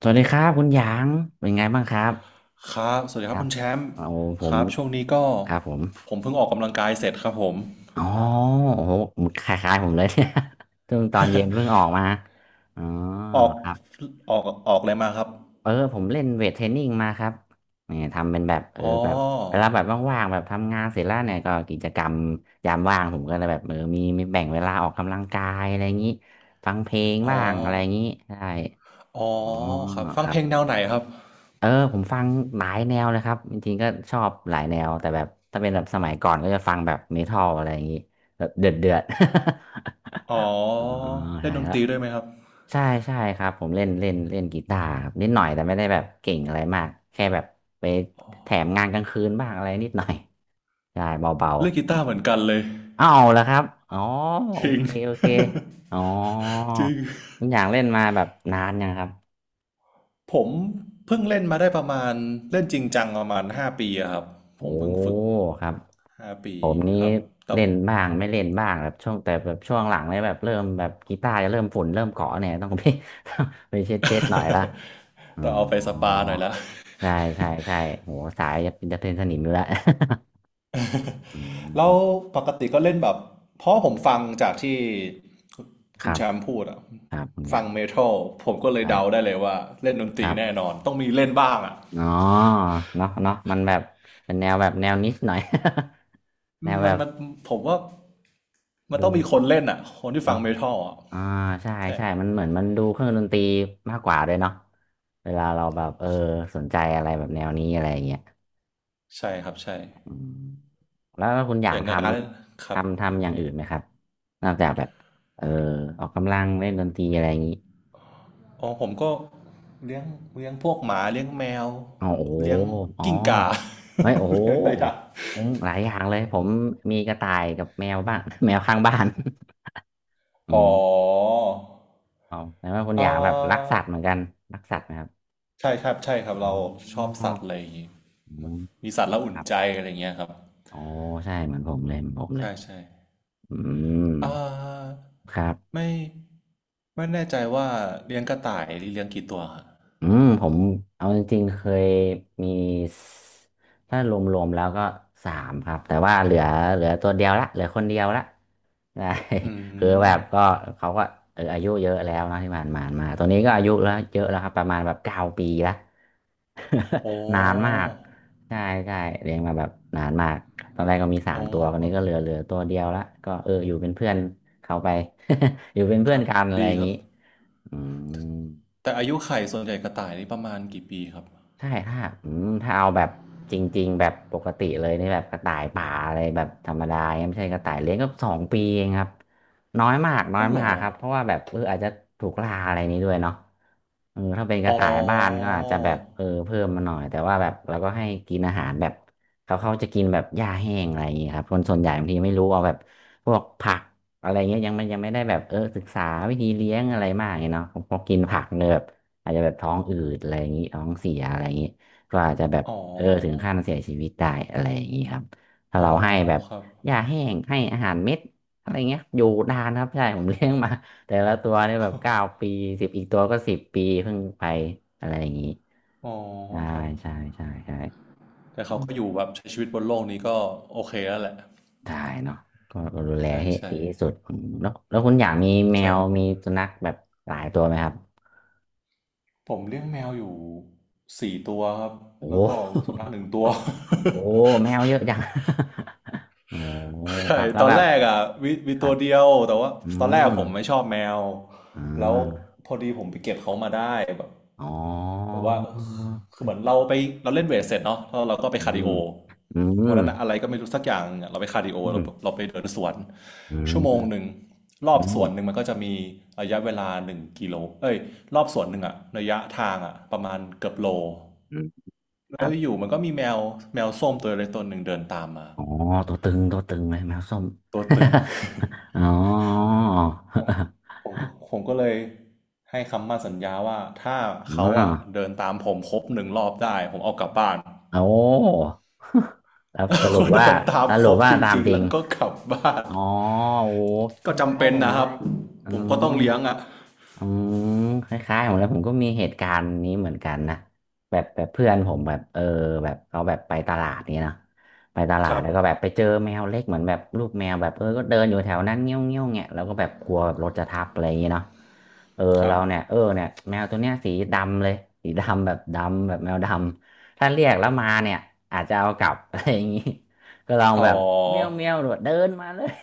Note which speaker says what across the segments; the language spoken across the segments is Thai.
Speaker 1: สวัสดีครับคุณหยางเป็นไงบ้างครับ
Speaker 2: ครับสวัสดี
Speaker 1: ค
Speaker 2: ครั
Speaker 1: รั
Speaker 2: บ
Speaker 1: บ
Speaker 2: คุณแชมป์
Speaker 1: โอ้ผ
Speaker 2: ค
Speaker 1: ม
Speaker 2: รับช่วงนี้ก็
Speaker 1: ครับผม
Speaker 2: ผมเพิ่งออกกำลังกายเสร็จครับผม
Speaker 1: อ๋อโอ้โหคล้ายๆผมเลย เนี่ย เพ่งตอนเย็นเพิ่งออกมาอ๋อ
Speaker 2: ออก
Speaker 1: ครับ
Speaker 2: ออกออกอะไรมาครับ
Speaker 1: ผมเล่นเวทเทรนนิ่งมาครับเนี่ยทำเป็นแบบ
Speaker 2: อ๋อ
Speaker 1: แบบเวลาแบบว่างๆแบบทำงานเสร็จแล้วเนี่ยก็กิจกรรมยามว่างผมก็เลยแบบมีแบ่งเวลาออกกำลังกายอะไรอย่างนี้ฟังเพลง
Speaker 2: อ๋อ
Speaker 1: บ้างอะไรอย่างนี้ใช่
Speaker 2: อ๋อ
Speaker 1: อ๋อ
Speaker 2: ครับฟั
Speaker 1: ค
Speaker 2: ง
Speaker 1: รั
Speaker 2: เพ
Speaker 1: บ
Speaker 2: ลงแนวไหนครับ
Speaker 1: ผมฟังหลายแนวเลยครับจริงๆก็ชอบหลายแนวแต่แบบถ้าเป็นแบบสมัยก่อนก็จะฟังแบบเมทัลอะไรอย่างงี้แบบเดือดเดือด
Speaker 2: อ๋อ
Speaker 1: อ๋อ
Speaker 2: เล่
Speaker 1: ใช่
Speaker 2: นดน
Speaker 1: แล้ว
Speaker 2: ตรีด้วยไหมครับ
Speaker 1: ใช่ใช่ครับผมเล่นเล่นเล่นกีตาร์ครับนิดหน่อยแต่ไม่ได้แบบเก่งอะไรมากแค่แบบไปแถมงานกลางคืนบ้างอะไรนิดหน่อย ใช่เบา
Speaker 2: เล่นกีตาร์เหมือนกันเลย
Speaker 1: ๆอ้าวแล้วครับอ๋อ
Speaker 2: จ
Speaker 1: โอ
Speaker 2: ริง
Speaker 1: เคโอเคอ๋อ
Speaker 2: จริง
Speaker 1: คุณอย่างเล่นมาแบบนานยังครับ
Speaker 2: ผมเพิ่งเล่นมาได้ประมาณเล่นจริงจังประมาณห้าปีอะครับผ
Speaker 1: โอ้
Speaker 2: มเพิ่งฝึก
Speaker 1: ครับ
Speaker 2: ห้าปี
Speaker 1: ผมนี้
Speaker 2: ครับแต่
Speaker 1: เล่นบ้างไม่เล่นบ้างแบบช่วงแต่แบบช่วงหลังเนี่ยแบบเริ่มแบบกีตาร์จะเริ่มฝุ่นเริ่มเกาะเนี่ยต้องไป ไปเช็ดเช็ดหน่อยละอ๋อ
Speaker 2: ต้องเอาไปสปาหน่อยละ
Speaker 1: ใช่ใช่ใช่โหสายจะเป็นจะเป็นสนิมอยู่แล้ว อืม
Speaker 2: แล้วปกติก็เล่นแบบเพราะผมฟังจากที่
Speaker 1: ค
Speaker 2: คุณ
Speaker 1: รับ
Speaker 2: แชมป์พูดอะ
Speaker 1: ครับคุณอ
Speaker 2: ฟั
Speaker 1: ย่า
Speaker 2: ง
Speaker 1: ง
Speaker 2: เมทัลผมก็เลยเดา
Speaker 1: ได
Speaker 2: ได้เลยว่าเล่
Speaker 1: ้
Speaker 2: นดนต
Speaker 1: ค
Speaker 2: รี
Speaker 1: รั
Speaker 2: แน่
Speaker 1: บ
Speaker 2: นอนต้องมีเล่นบ้างอะ
Speaker 1: อ๋อเนาะเนาะมันแบบเป็นแนวแบบแนวนิชหน่อย แนวแบ
Speaker 2: มัน
Speaker 1: บ
Speaker 2: มันผมว่ามันต้
Speaker 1: ดู
Speaker 2: องมีคนเล่นอะคนที่ฟั
Speaker 1: เนาะ
Speaker 2: งเมทัลอะ
Speaker 1: อ่าใช่
Speaker 2: ใช่
Speaker 1: ใช่มันเหมือนมันดูเครื่องดนตรีมากกว่าเลยเนาะเวลาเราแบบสนใจอะไรแบบแนวนี้อะไรอย่างเงี้ย
Speaker 2: ใช่ครับใช่
Speaker 1: อืมแล้วคุณอ
Speaker 2: อ
Speaker 1: ย่าง
Speaker 2: ย่าง
Speaker 1: ท
Speaker 2: การเล่นค
Speaker 1: ำ
Speaker 2: รับ
Speaker 1: ทำทำอย่างอื่นไหมครับนอกจากแบบเออออกกำลังเล่นดนตรีอะไรอย่างนี้
Speaker 2: อ๋อผมก็เลี้ยงเลี้ยงพวกหมาเลี้ยงแมว
Speaker 1: อ๋อโอ้โห
Speaker 2: เลี้ยง
Speaker 1: อ๋อ
Speaker 2: กิ้งก่า
Speaker 1: เฮ้ย โอ้โห
Speaker 2: เลี้ยงอะไรอะ
Speaker 1: เป็นหลายอย่างเลยผมมีกระต่ายกับแมวบ้าง แมวข้างบ้าน อื
Speaker 2: อ๋อ
Speaker 1: มเอาแต่ว่าคุณ
Speaker 2: เอ่
Speaker 1: อย่างแบบรัก
Speaker 2: อ
Speaker 1: สัตว์เหมือนกันรักสัตว์ไหมครับ
Speaker 2: ใช่ครับใช่ครับ
Speaker 1: อ๋อ
Speaker 2: เราชอบสัตว์อะไรอย่างงี้
Speaker 1: อืม
Speaker 2: มีสัตว์แล้ว
Speaker 1: ค
Speaker 2: อุ่น
Speaker 1: รับ
Speaker 2: ใจอะไรเงี้ยครับ
Speaker 1: อ๋อใช่เหมือนผมเลยเหมือนผมเลย
Speaker 2: ใช่ใช่
Speaker 1: อืม
Speaker 2: อ่า
Speaker 1: ครับ
Speaker 2: ไม่ไม่แน่ใจว่าเลี้ยงกระต่ายหรือเลี้ยงกี่ตัวครับ
Speaker 1: อืมผมเอาจริงๆเคยมีสถ้ารวมๆแล้วก็สามครับแต่ว่าเหลือตัวเดียวละเหลือคนเดียวละได้
Speaker 2: อื
Speaker 1: คือแบ
Speaker 2: ม
Speaker 1: บก็เขาก็อายุเยอะแล้วเนอะที่ผ่านมามาตัวนี้ก็อายุแล้วเยอะแล้วครับประมาณแบบเก้าปีละ
Speaker 2: โอ้
Speaker 1: นานมากใช่ใช่เลี้ยงมาแบบนานมากตอนแรกก็มีสา
Speaker 2: อ๋
Speaker 1: ม
Speaker 2: อ
Speaker 1: ตัวตอน
Speaker 2: ครั
Speaker 1: นี้
Speaker 2: บ
Speaker 1: ก็เหลือตัวเดียวละก็อยู่เป็นเพื่อนเขาไป อยู่เป็น
Speaker 2: ค
Speaker 1: เพื่อน
Speaker 2: รับ
Speaker 1: กันอะไร
Speaker 2: ดี
Speaker 1: อย่าง
Speaker 2: ครับ
Speaker 1: นี้อืม
Speaker 2: แต่อายุไข่ส่วนใหญ่กระต่ายนี่ประมาณกี่ปีครับ
Speaker 1: ใช่ถ้าอืมถ้าเอาแบบจริงๆแบบปกติเลยนี่แบบกระต่ายป่าอะไรแบบธรรมดาไม่ใช่กระต่ายเลี้ยงก็สองปีเองครับน้อยมากน้อ
Speaker 2: อ๋
Speaker 1: ย
Speaker 2: อเหร
Speaker 1: มา
Speaker 2: อ
Speaker 1: กครับเพราะว่าแบบอาจจะถูกล่าอะไรนี้ด้วยเนาะเออถ้าเป็นก
Speaker 2: อ๋
Speaker 1: ระ
Speaker 2: อ
Speaker 1: ต่ายบ้านก็อาจจะแบบเพิ่มมาหน่อยแต่ว่าแบบเราก็ให้กินอาหารแบบเขาจะกินแบบหญ้าแห้งอะไรอย่างเงี้ยครับคนส่วนใหญ่บางทีไม่รู้เอาแบบพวกผักอะไรเงี้ยยังไม่ได้แบบศึกษาวิธีเลี้ยงอะไรมากเนาะพอกินผักเนี่ยแบบ อาจจะแบบท้องอืดอะไรอย่างนี้ท้องเสียอะไรอย่างนี้ก็อาจจะแบบ
Speaker 2: อ๋
Speaker 1: ถึง
Speaker 2: อ
Speaker 1: ขั้นเสียชีวิตได้อะไรอย่างนี้ครับถ้า
Speaker 2: อ๋อ
Speaker 1: เราให้แบบ
Speaker 2: ครับ
Speaker 1: หญ้าแห้งให้อาหารเม็ดอะไรเงี้ยอยู่นานครับใช่ผมเลี้ยงมาแต่ละตัวเนี่ยแบบเก้าปีสิบอีกตัวก็สิบปีเพิ่งไปอะไรอย่างนี้
Speaker 2: อ๋อ
Speaker 1: ใช่
Speaker 2: ครับ
Speaker 1: ใช่ใช่ใช่
Speaker 2: แต่
Speaker 1: อ
Speaker 2: เขาก็อยู่แบบใช้ชีวิตบนโลกนี้ก็โอเคแล้วแหละ
Speaker 1: ได้เนาะก็ดูแล
Speaker 2: ใช่
Speaker 1: ให้
Speaker 2: ใช่
Speaker 1: ดีที่สุดอืมแล้วคุณอยากมีแม
Speaker 2: ใช่
Speaker 1: ว
Speaker 2: ครับ
Speaker 1: มีสุนัขแบบหลายตัวไหมครับ
Speaker 2: ผมเลี้ยงแมวอยู่4 ตัวครับ
Speaker 1: โอ้โห
Speaker 2: แล้วก็สุนัข1 ตัว
Speaker 1: โอ้ แมวเยอะจัง โอ้
Speaker 2: ใช่
Speaker 1: ครับแล้
Speaker 2: ต
Speaker 1: ว
Speaker 2: อน
Speaker 1: แบบ
Speaker 2: แรกอ่ะมี
Speaker 1: ครั
Speaker 2: ตัว
Speaker 1: บ
Speaker 2: เดียวแต่ว่า
Speaker 1: อื
Speaker 2: ตอนแรก
Speaker 1: ม
Speaker 2: ผมไม่ชอบแมว
Speaker 1: อ่
Speaker 2: แล้ว
Speaker 1: า
Speaker 2: พอดีผมไปเก็บเขามาได้แบบ
Speaker 1: อ๋อ
Speaker 2: แบบว่าคือเหมือนเราไปเราเล่นเวทเสร็จเนาะแล้วเราก็ไป
Speaker 1: อื
Speaker 2: คาร์ดิ
Speaker 1: ม
Speaker 2: โอ
Speaker 1: อืม
Speaker 2: วันนั้นอะอะไรก็ไม่รู้สักอย่างหนึ่งอะเราไปคาร์ดิโอ
Speaker 1: อืม
Speaker 2: เราไปเดินสวน
Speaker 1: อื
Speaker 2: ชั่วโมงห
Speaker 1: ม
Speaker 2: นึ่งรอ
Speaker 1: อื
Speaker 2: บส
Speaker 1: ม
Speaker 2: วนหนึ่งมันก็จะมีระยะเวลา1 กิโลเอ้ยรอบสวนหนึ่งอะระยะทางอะประมาณเกือบโล
Speaker 1: อืมค
Speaker 2: แล้
Speaker 1: รั
Speaker 2: ว
Speaker 1: บ
Speaker 2: อยู่มันก็มีแมวแมวส้มตัวเล็กตัวหนึ่งเดินตามมา
Speaker 1: อ๋อตัวตึงตัวตึงเลยแมวส้ม
Speaker 2: ตัวตึง
Speaker 1: อ๋อ
Speaker 2: ผมก็ผมก็เลยให้คำมั่นสัญญาว่าถ้า
Speaker 1: อ๋อ
Speaker 2: เขาอ่ะเดินตามผมครบหนึ่งรอบได้ผมเอากลับบ้าน
Speaker 1: โอ้ แล้วส รุป
Speaker 2: ก็
Speaker 1: ว่า
Speaker 2: เดินตาม
Speaker 1: ส
Speaker 2: ค
Speaker 1: รุ
Speaker 2: ร
Speaker 1: ป
Speaker 2: บ
Speaker 1: ว่า
Speaker 2: จ
Speaker 1: ตาม
Speaker 2: ริง
Speaker 1: จ
Speaker 2: ๆ
Speaker 1: ริง
Speaker 2: แล้วก็กลับบ้าน
Speaker 1: อ๋อโอ้ ค
Speaker 2: ก็จำ
Speaker 1: ล้าย
Speaker 2: เป็น
Speaker 1: ๆผม
Speaker 2: นะค
Speaker 1: เล
Speaker 2: รับ
Speaker 1: ยอื
Speaker 2: ผมก็
Speaker 1: ม
Speaker 2: ต้องเลี้ยงอ่ะ
Speaker 1: อืมคล้ายๆผมแล้วผมก็มีเหตุการณ์นี้เหมือนกันนะแบบแบบเพื่อนผมแบบแบบเขาแบบไปตลาดนี่เนาะไปตลา
Speaker 2: ค
Speaker 1: ด
Speaker 2: รั
Speaker 1: แล้วก็แบบ
Speaker 2: บ
Speaker 1: ไปเจอแมวเล็กเหมือนแบบลูกแมวแบบก็เดินอยู่แถวนั้นเงี้ยวเงี้ยวเงี้ยแล้วก็แบบกลัวแบบรถจะทับอะไรอย่างเงี้ยเนาะเออ
Speaker 2: ครั
Speaker 1: เรา
Speaker 2: บ
Speaker 1: เนี่ยเออเนี่ยแมวตัวเนี้ยสีดำเลยสีดำแบบดำแบบแมวดำถ้าเรียกแล้วมาเนี่ยอาจจะเอากลับ อะไรอย่างงี้ก็ลอง
Speaker 2: อ๋อ
Speaker 1: แบบเมี้ยวเมี้ยวเดินมาเลย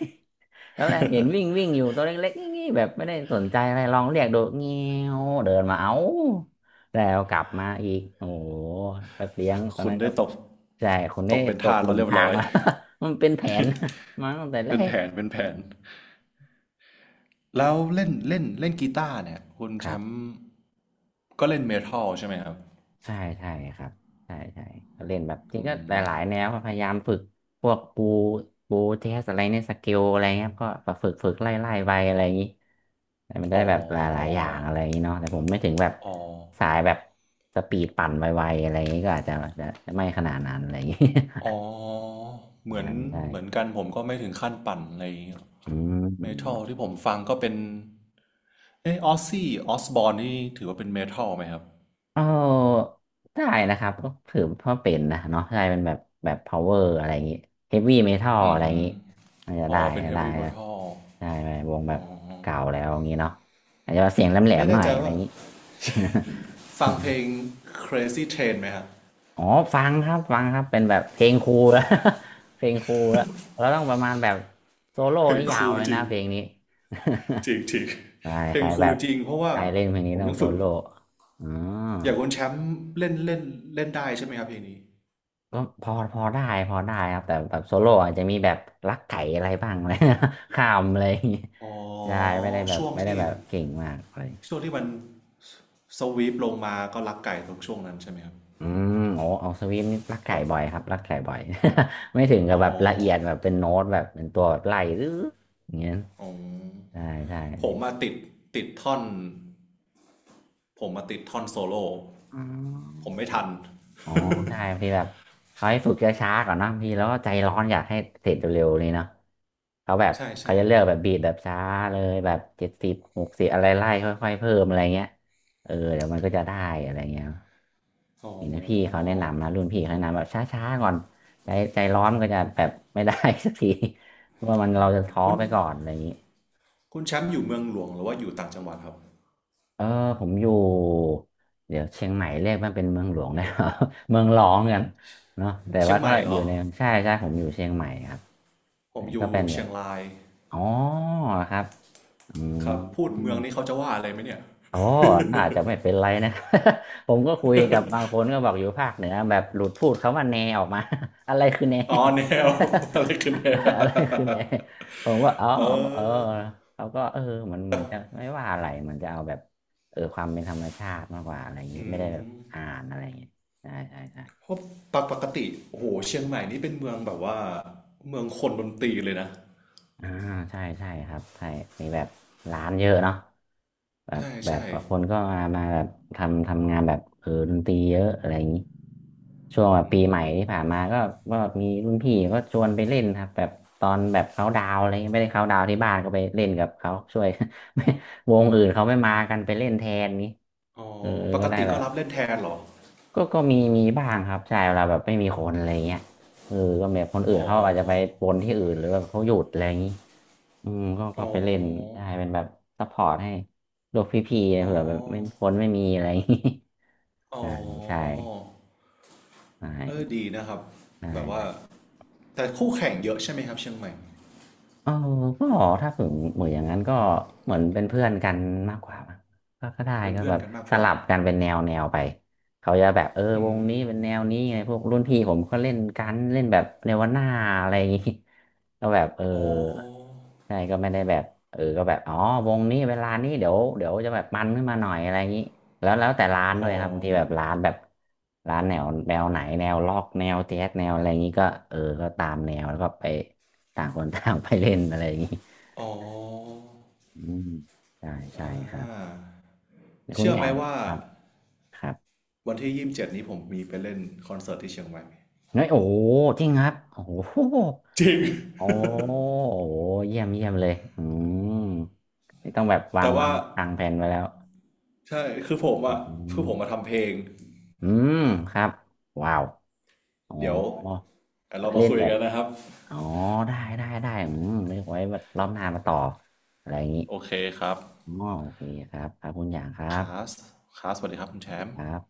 Speaker 1: แล้วแรกเห็นวิ่งวิ่งอยู่ตัวเล็กๆงี้ๆแบบไม่ได้สนใจอะไรลองเรียกโดดเงี้ยวเดินมาเอาแล้วกลับมาอีกโอ้โหก็เลี้ยงตอ น
Speaker 2: คุณ
Speaker 1: นั้น
Speaker 2: ได้
Speaker 1: ก็
Speaker 2: ตก
Speaker 1: ใช่คน
Speaker 2: ต
Speaker 1: ได้
Speaker 2: กเป็น
Speaker 1: ตก
Speaker 2: ทาส
Speaker 1: หลุ
Speaker 2: แล้ว
Speaker 1: ม
Speaker 2: เรีย
Speaker 1: พ
Speaker 2: บ
Speaker 1: รา
Speaker 2: ร้
Speaker 1: ง
Speaker 2: อย
Speaker 1: แล้ว มันเป็นแผน มาตั้งแต่ แร
Speaker 2: เป็นแผ
Speaker 1: ก
Speaker 2: นเป็นแผนแล้วเล่นเล่นเล่นกีตาร์เนี่ยคุณ
Speaker 1: ค
Speaker 2: แช
Speaker 1: รั
Speaker 2: ม
Speaker 1: บ
Speaker 2: ป์ก็เล่นเมทัลใช่ไหมครับ
Speaker 1: ใช่ใช่ครับใช่ใช่ก็เล่นแบบจริงก็หลายๆแนวครับพยายามฝึกพวกปูปูเทสอะไรเนี่ยสเกลอะไรเงี้ยครับก็แบบฝึกฝึกไล่ไล่ไปอะไรอย่างนี้แต่มันได้
Speaker 2: อ๋อ
Speaker 1: แบบหลายๆอย่างอะไรอย่างนี้เนาะแต่ผมไม่ถึงแบบ
Speaker 2: อ๋อ
Speaker 1: สายแบบสปีดปั่นไวๆอะไรอย่างนี้ก็อาจจะจะไม่ขนาดนั้นอะไรอย่างนี้
Speaker 2: อ๋อ เหมื
Speaker 1: ใช่
Speaker 2: อน
Speaker 1: ใช่
Speaker 2: เหมือนกันผมก็ไม่ถึงขั้นปั่นอะไรอย่างเงี้ย
Speaker 1: อื
Speaker 2: เมทัล
Speaker 1: ม
Speaker 2: ที่ผมฟังก็เป็นอ z ซซี่ออสบอร์นนี่ถือว่าเป็นเมทัลไหมครับ
Speaker 1: เออได้นะครับก็ถือว่าเป็นนะเนาะใช่เป็นแบบแบบ power อะไรอย่างงี้ heavy metal
Speaker 2: อื
Speaker 1: อะไรอย่าง
Speaker 2: ม
Speaker 1: งี้มันาจะ
Speaker 2: อ๋
Speaker 1: ได้
Speaker 2: อเป็นเฮฟ
Speaker 1: ได้
Speaker 2: วี่เมทัล
Speaker 1: ได้ไปวงแบบเก่าแล้วอย่างงี้เนาะอาจจะเสียงแหล
Speaker 2: ไม่
Speaker 1: มๆห
Speaker 2: แน่
Speaker 1: น่อย
Speaker 2: ใจ
Speaker 1: อะไรอ
Speaker 2: ว่า
Speaker 1: ย่างงี้
Speaker 2: ฟังเพลง Crazy Train ไหมครับ
Speaker 1: อ๋อฟังครับฟังครับเป็นแบบเพลงครูแล้ว เพลงครูแล้วเราต้องประมาณแบบโซโล่
Speaker 2: เพล
Speaker 1: นี่
Speaker 2: งค
Speaker 1: ยา
Speaker 2: รู
Speaker 1: ว
Speaker 2: ล
Speaker 1: เลย
Speaker 2: จริ
Speaker 1: นะ
Speaker 2: ง
Speaker 1: เพลงนี้
Speaker 2: จริงจริง
Speaker 1: ใช่
Speaker 2: เพล
Speaker 1: ใค
Speaker 2: ง
Speaker 1: ร
Speaker 2: ค
Speaker 1: แบ
Speaker 2: รูล
Speaker 1: บ
Speaker 2: จริงเพราะว่า
Speaker 1: ใครเล่นเพลงนี้
Speaker 2: ผม
Speaker 1: ต้อง
Speaker 2: ยัง
Speaker 1: โซ
Speaker 2: ฝึก
Speaker 1: โล่อ๋อ
Speaker 2: อย่างคนแชมป์เล่นเล่นเล่นได้ใช่ไหมครับเพลงนี้
Speaker 1: ก็พอพอได้พอได้ครับแต่แบบโซโล่อาจจะมีแบบลักไก่อะไรบ้างเลย ข้ามอะไรอย่างเงี้ย
Speaker 2: อ๋อ
Speaker 1: ได้ไม่ได้แบบ
Speaker 2: ช่วง
Speaker 1: ไม่ได้
Speaker 2: ที่
Speaker 1: แบบเก่งมากเลย
Speaker 2: ช่วงที่มัน สวีปลงมาก็รักไก่ตรกช่วงนั้นใช่ไหมครับ
Speaker 1: อืมโอ้เอาสวิมนี่ลักไก่
Speaker 2: ปั๊บ
Speaker 1: บ่อยครับลักไก่บ่อย ไม่ถึงกั
Speaker 2: อ๋
Speaker 1: บแบบละเอียด
Speaker 2: อ
Speaker 1: แบบเป็นโน้ตแบบเป็นตัวแบบไล่หรืออย่างเงี้ย
Speaker 2: อ๋อ
Speaker 1: ใช่ใช่
Speaker 2: ผมมาติดท่อนผมมาติดท่อนโซโล่
Speaker 1: อ๋อ
Speaker 2: ผมไม่ทัน
Speaker 1: อ๋อใช่บางทีแบบเขาให้ฝึกช้าๆก่อนนะบางทีแล้วก็ใจร้อนอยากให้เสร็จเร็วๆเลยเนาะเขาแบบ
Speaker 2: ใช่
Speaker 1: เขา
Speaker 2: ใช่
Speaker 1: จะเลือกแบบบีทแบบช้าเลยแบบ70 60อะไรไล่ค่อยๆเพิ่มอะไรเงี้ยเออเดี๋ยวมันก็จะได้อะไรเงี้ย
Speaker 2: อ๋อ
Speaker 1: เห็นนะพี่เขาแนะนำนะรุ่นพี่เขาแนะนำแบบช้าๆก่อนใจใจร้อนมันก็จะแบบไม่ได้ สักทีเพราะว่ามันเราจะ
Speaker 2: อ๋อ
Speaker 1: ท้อ
Speaker 2: คุณ
Speaker 1: ไปก่อนอะไรอย่างนี้
Speaker 2: คุณแชมป์อยู่เมืองหลวงหรือว่าอยู่ต่างจังหวัดครับ
Speaker 1: เออผมอยู่เดี๋ยวเชียงใหม่เรียกมันเป็นเมืองหลวงได้เหรอ เมืองรองกันเนาะแต่
Speaker 2: เชีย
Speaker 1: ว่า
Speaker 2: งให
Speaker 1: ก็
Speaker 2: ม่เห
Speaker 1: อ
Speaker 2: ร
Speaker 1: ยู่
Speaker 2: อ
Speaker 1: ในใช่ใช่ผมอยู่เชียงใหม่ครับ
Speaker 2: ผ
Speaker 1: ไหน
Speaker 2: มอ
Speaker 1: ก็
Speaker 2: ยู่
Speaker 1: เป็นแบ
Speaker 2: เชีย
Speaker 1: บ
Speaker 2: งราย
Speaker 1: อ๋อครับอืม
Speaker 2: ครับพูดเมืองนี้เขาจะว่าอะไรไหมเนี่ย
Speaker 1: อ๋อน่าจะไม่เป็นไรนะ ผมก็คุยกับบางคนก็บอกอยู่ภาคเหนือแบบหลุดพูดคำว่าแนออกมา อะไรคือแน
Speaker 2: อ๋อแนว อะไรคือแน ว
Speaker 1: อะไรคือแนผมว่าอ๋อ
Speaker 2: เอ
Speaker 1: เออ
Speaker 2: อ
Speaker 1: เขาก็เออมันจะไม่ว่าอะไรมันจะเอาแบบเออความเป็นธรรมชาติมากกว่าอะไรอย่างนี้
Speaker 2: อื
Speaker 1: ไม่ได้แบบอ่า
Speaker 2: ม
Speaker 1: นอะไรอย่างนี้ใช่ใช่ใช่
Speaker 2: เพราะปกติโอ้โหเชียงใหม่นี่เป็นเมืองแบบว่าเมืองคนดนตรีเลยนะ
Speaker 1: อ่าใช่ใช่ครับใช่มีแบบร้านเยอะเนาะแบบ
Speaker 2: ใช่
Speaker 1: แบบ
Speaker 2: ใช่
Speaker 1: คนก็มาแบบทำงานแบบเออดนตรีเยอะอะไรอย่างนี้ช่วงแบบ
Speaker 2: อื
Speaker 1: ปีใหม่ที่ผ่าน
Speaker 2: ม
Speaker 1: มาก็ก็มีรุ่นพี่ก็ชวนไปเล่นครับแบบตอนแบบเขาดาวน์อะไรเงี้ยไม่ได้เขาดาวน์ที่บ้านก็ไปเล่นกับเขาช่วย ไม่วงอื่นเขาไม่มากันไปเล่นแทนนี้
Speaker 2: อ๋อ
Speaker 1: เออ
Speaker 2: ป
Speaker 1: ก็
Speaker 2: ก
Speaker 1: ได้
Speaker 2: ติ
Speaker 1: แบ
Speaker 2: ก็
Speaker 1: บ
Speaker 2: รับเล่นแทนเหรอ
Speaker 1: ก็มีมีบ้างครับใช่เวลาแบบไม่มีคนอะไรเงี้ยเออก็แบบคนอื่น
Speaker 2: อ๋อ
Speaker 1: เขาอาจจะไปปนที่อื่นหรือแบบเขาหยุดอะไรอย่างนี้ อืมก็
Speaker 2: อ๋อ
Speaker 1: ไปเล่นใช่เป็นแบบซัพพอร์ตให้โลกพี่
Speaker 2: อ๋
Speaker 1: ๆเผื่อแบบไม่
Speaker 2: อ
Speaker 1: พ้นไม่มีอะไรอย่างงี้
Speaker 2: อ๋
Speaker 1: ใช่ใช่
Speaker 2: อ
Speaker 1: ใช่
Speaker 2: เออดีนะครับ
Speaker 1: ใช
Speaker 2: แบบว่า
Speaker 1: ่
Speaker 2: แต่คู่แข่งเยอะใช่ไหมครับเชียงใหม่
Speaker 1: เออก็ถ้าถึงเหมือนอย่างนั้นก็เหมือนเป็นเพื่อนกันมากกว่ามั้งก็ได้
Speaker 2: เป็น
Speaker 1: ก็
Speaker 2: เพื่อ
Speaker 1: แบ
Speaker 2: น
Speaker 1: บ
Speaker 2: กันมาก
Speaker 1: ส
Speaker 2: กว่า
Speaker 1: ลับกันเป็นแนวแนวไปเขาจะแบบเออ
Speaker 2: อื
Speaker 1: วงนี้
Speaker 2: ม
Speaker 1: เป็นแนวนี้ไงพวกรุ่นพี่ผมก็เล่นกันเล่นแบบเนวาน่าอะไรอย่างงี้ ก็แบบเออ
Speaker 2: อ๋อ
Speaker 1: ใช่ก็ไม่ได้แบบเออก็แบบอ๋อวงนี้เวลานี้เดี๋ยวจะแบบมันขึ้นมาหน่อยอะไรอย่างงี้แล้วแต่ร้านด้ว
Speaker 2: อ๋
Speaker 1: ย
Speaker 2: อ
Speaker 1: ครับบางทีแบบร้านแบบร้านแนวแนวไหนแนวล็อกแนวแจ๊สแนวอะไรอย่างนี้ก็เออก็ตามแนวแล้วก็ไป ต่างคนต่างไปเล่นอะไรอย่างนี้
Speaker 2: อ๋อ
Speaker 1: อืมใช่ใช่ครั
Speaker 2: อ่
Speaker 1: บ
Speaker 2: า
Speaker 1: คุณ
Speaker 2: เชื่อ
Speaker 1: อ
Speaker 2: ไหม
Speaker 1: ย่าง
Speaker 2: ว่า
Speaker 1: ครับครับ
Speaker 2: วันที่27นี้ผมมีไปเล่นคอนเสิร์ตที่เชียงใหม่
Speaker 1: เฮ้ยโอ้โหจริงครับโอ้โห
Speaker 2: จริง
Speaker 1: โอ้โหเยี่ยมเยี่ยมเลยอืมนี่ต้องแบบวาง
Speaker 2: แต่
Speaker 1: วา
Speaker 2: ว่า
Speaker 1: งทางแผนไว้แล้ว
Speaker 2: ใช่คือผม
Speaker 1: อ
Speaker 2: อะ
Speaker 1: ื
Speaker 2: คื
Speaker 1: ม
Speaker 2: อผมมาทำเพลง
Speaker 1: อืมครับว้าวอ๋อ
Speaker 2: เดี๋ยว
Speaker 1: แล้
Speaker 2: เรา
Speaker 1: ว
Speaker 2: มา
Speaker 1: เล่น
Speaker 2: คุย
Speaker 1: แบบ
Speaker 2: กันนะครับ
Speaker 1: อ๋อได้ได้ได้อืมไม่ไว้แบบรอบหน้ามาต่ออะไรอย่างนี้
Speaker 2: โอเคครับ
Speaker 1: อ๋อโอเคครับครับคุณอย่างครับ
Speaker 2: คาสคาสสวัสดีครับคุณแชม
Speaker 1: ค
Speaker 2: ป์
Speaker 1: รับ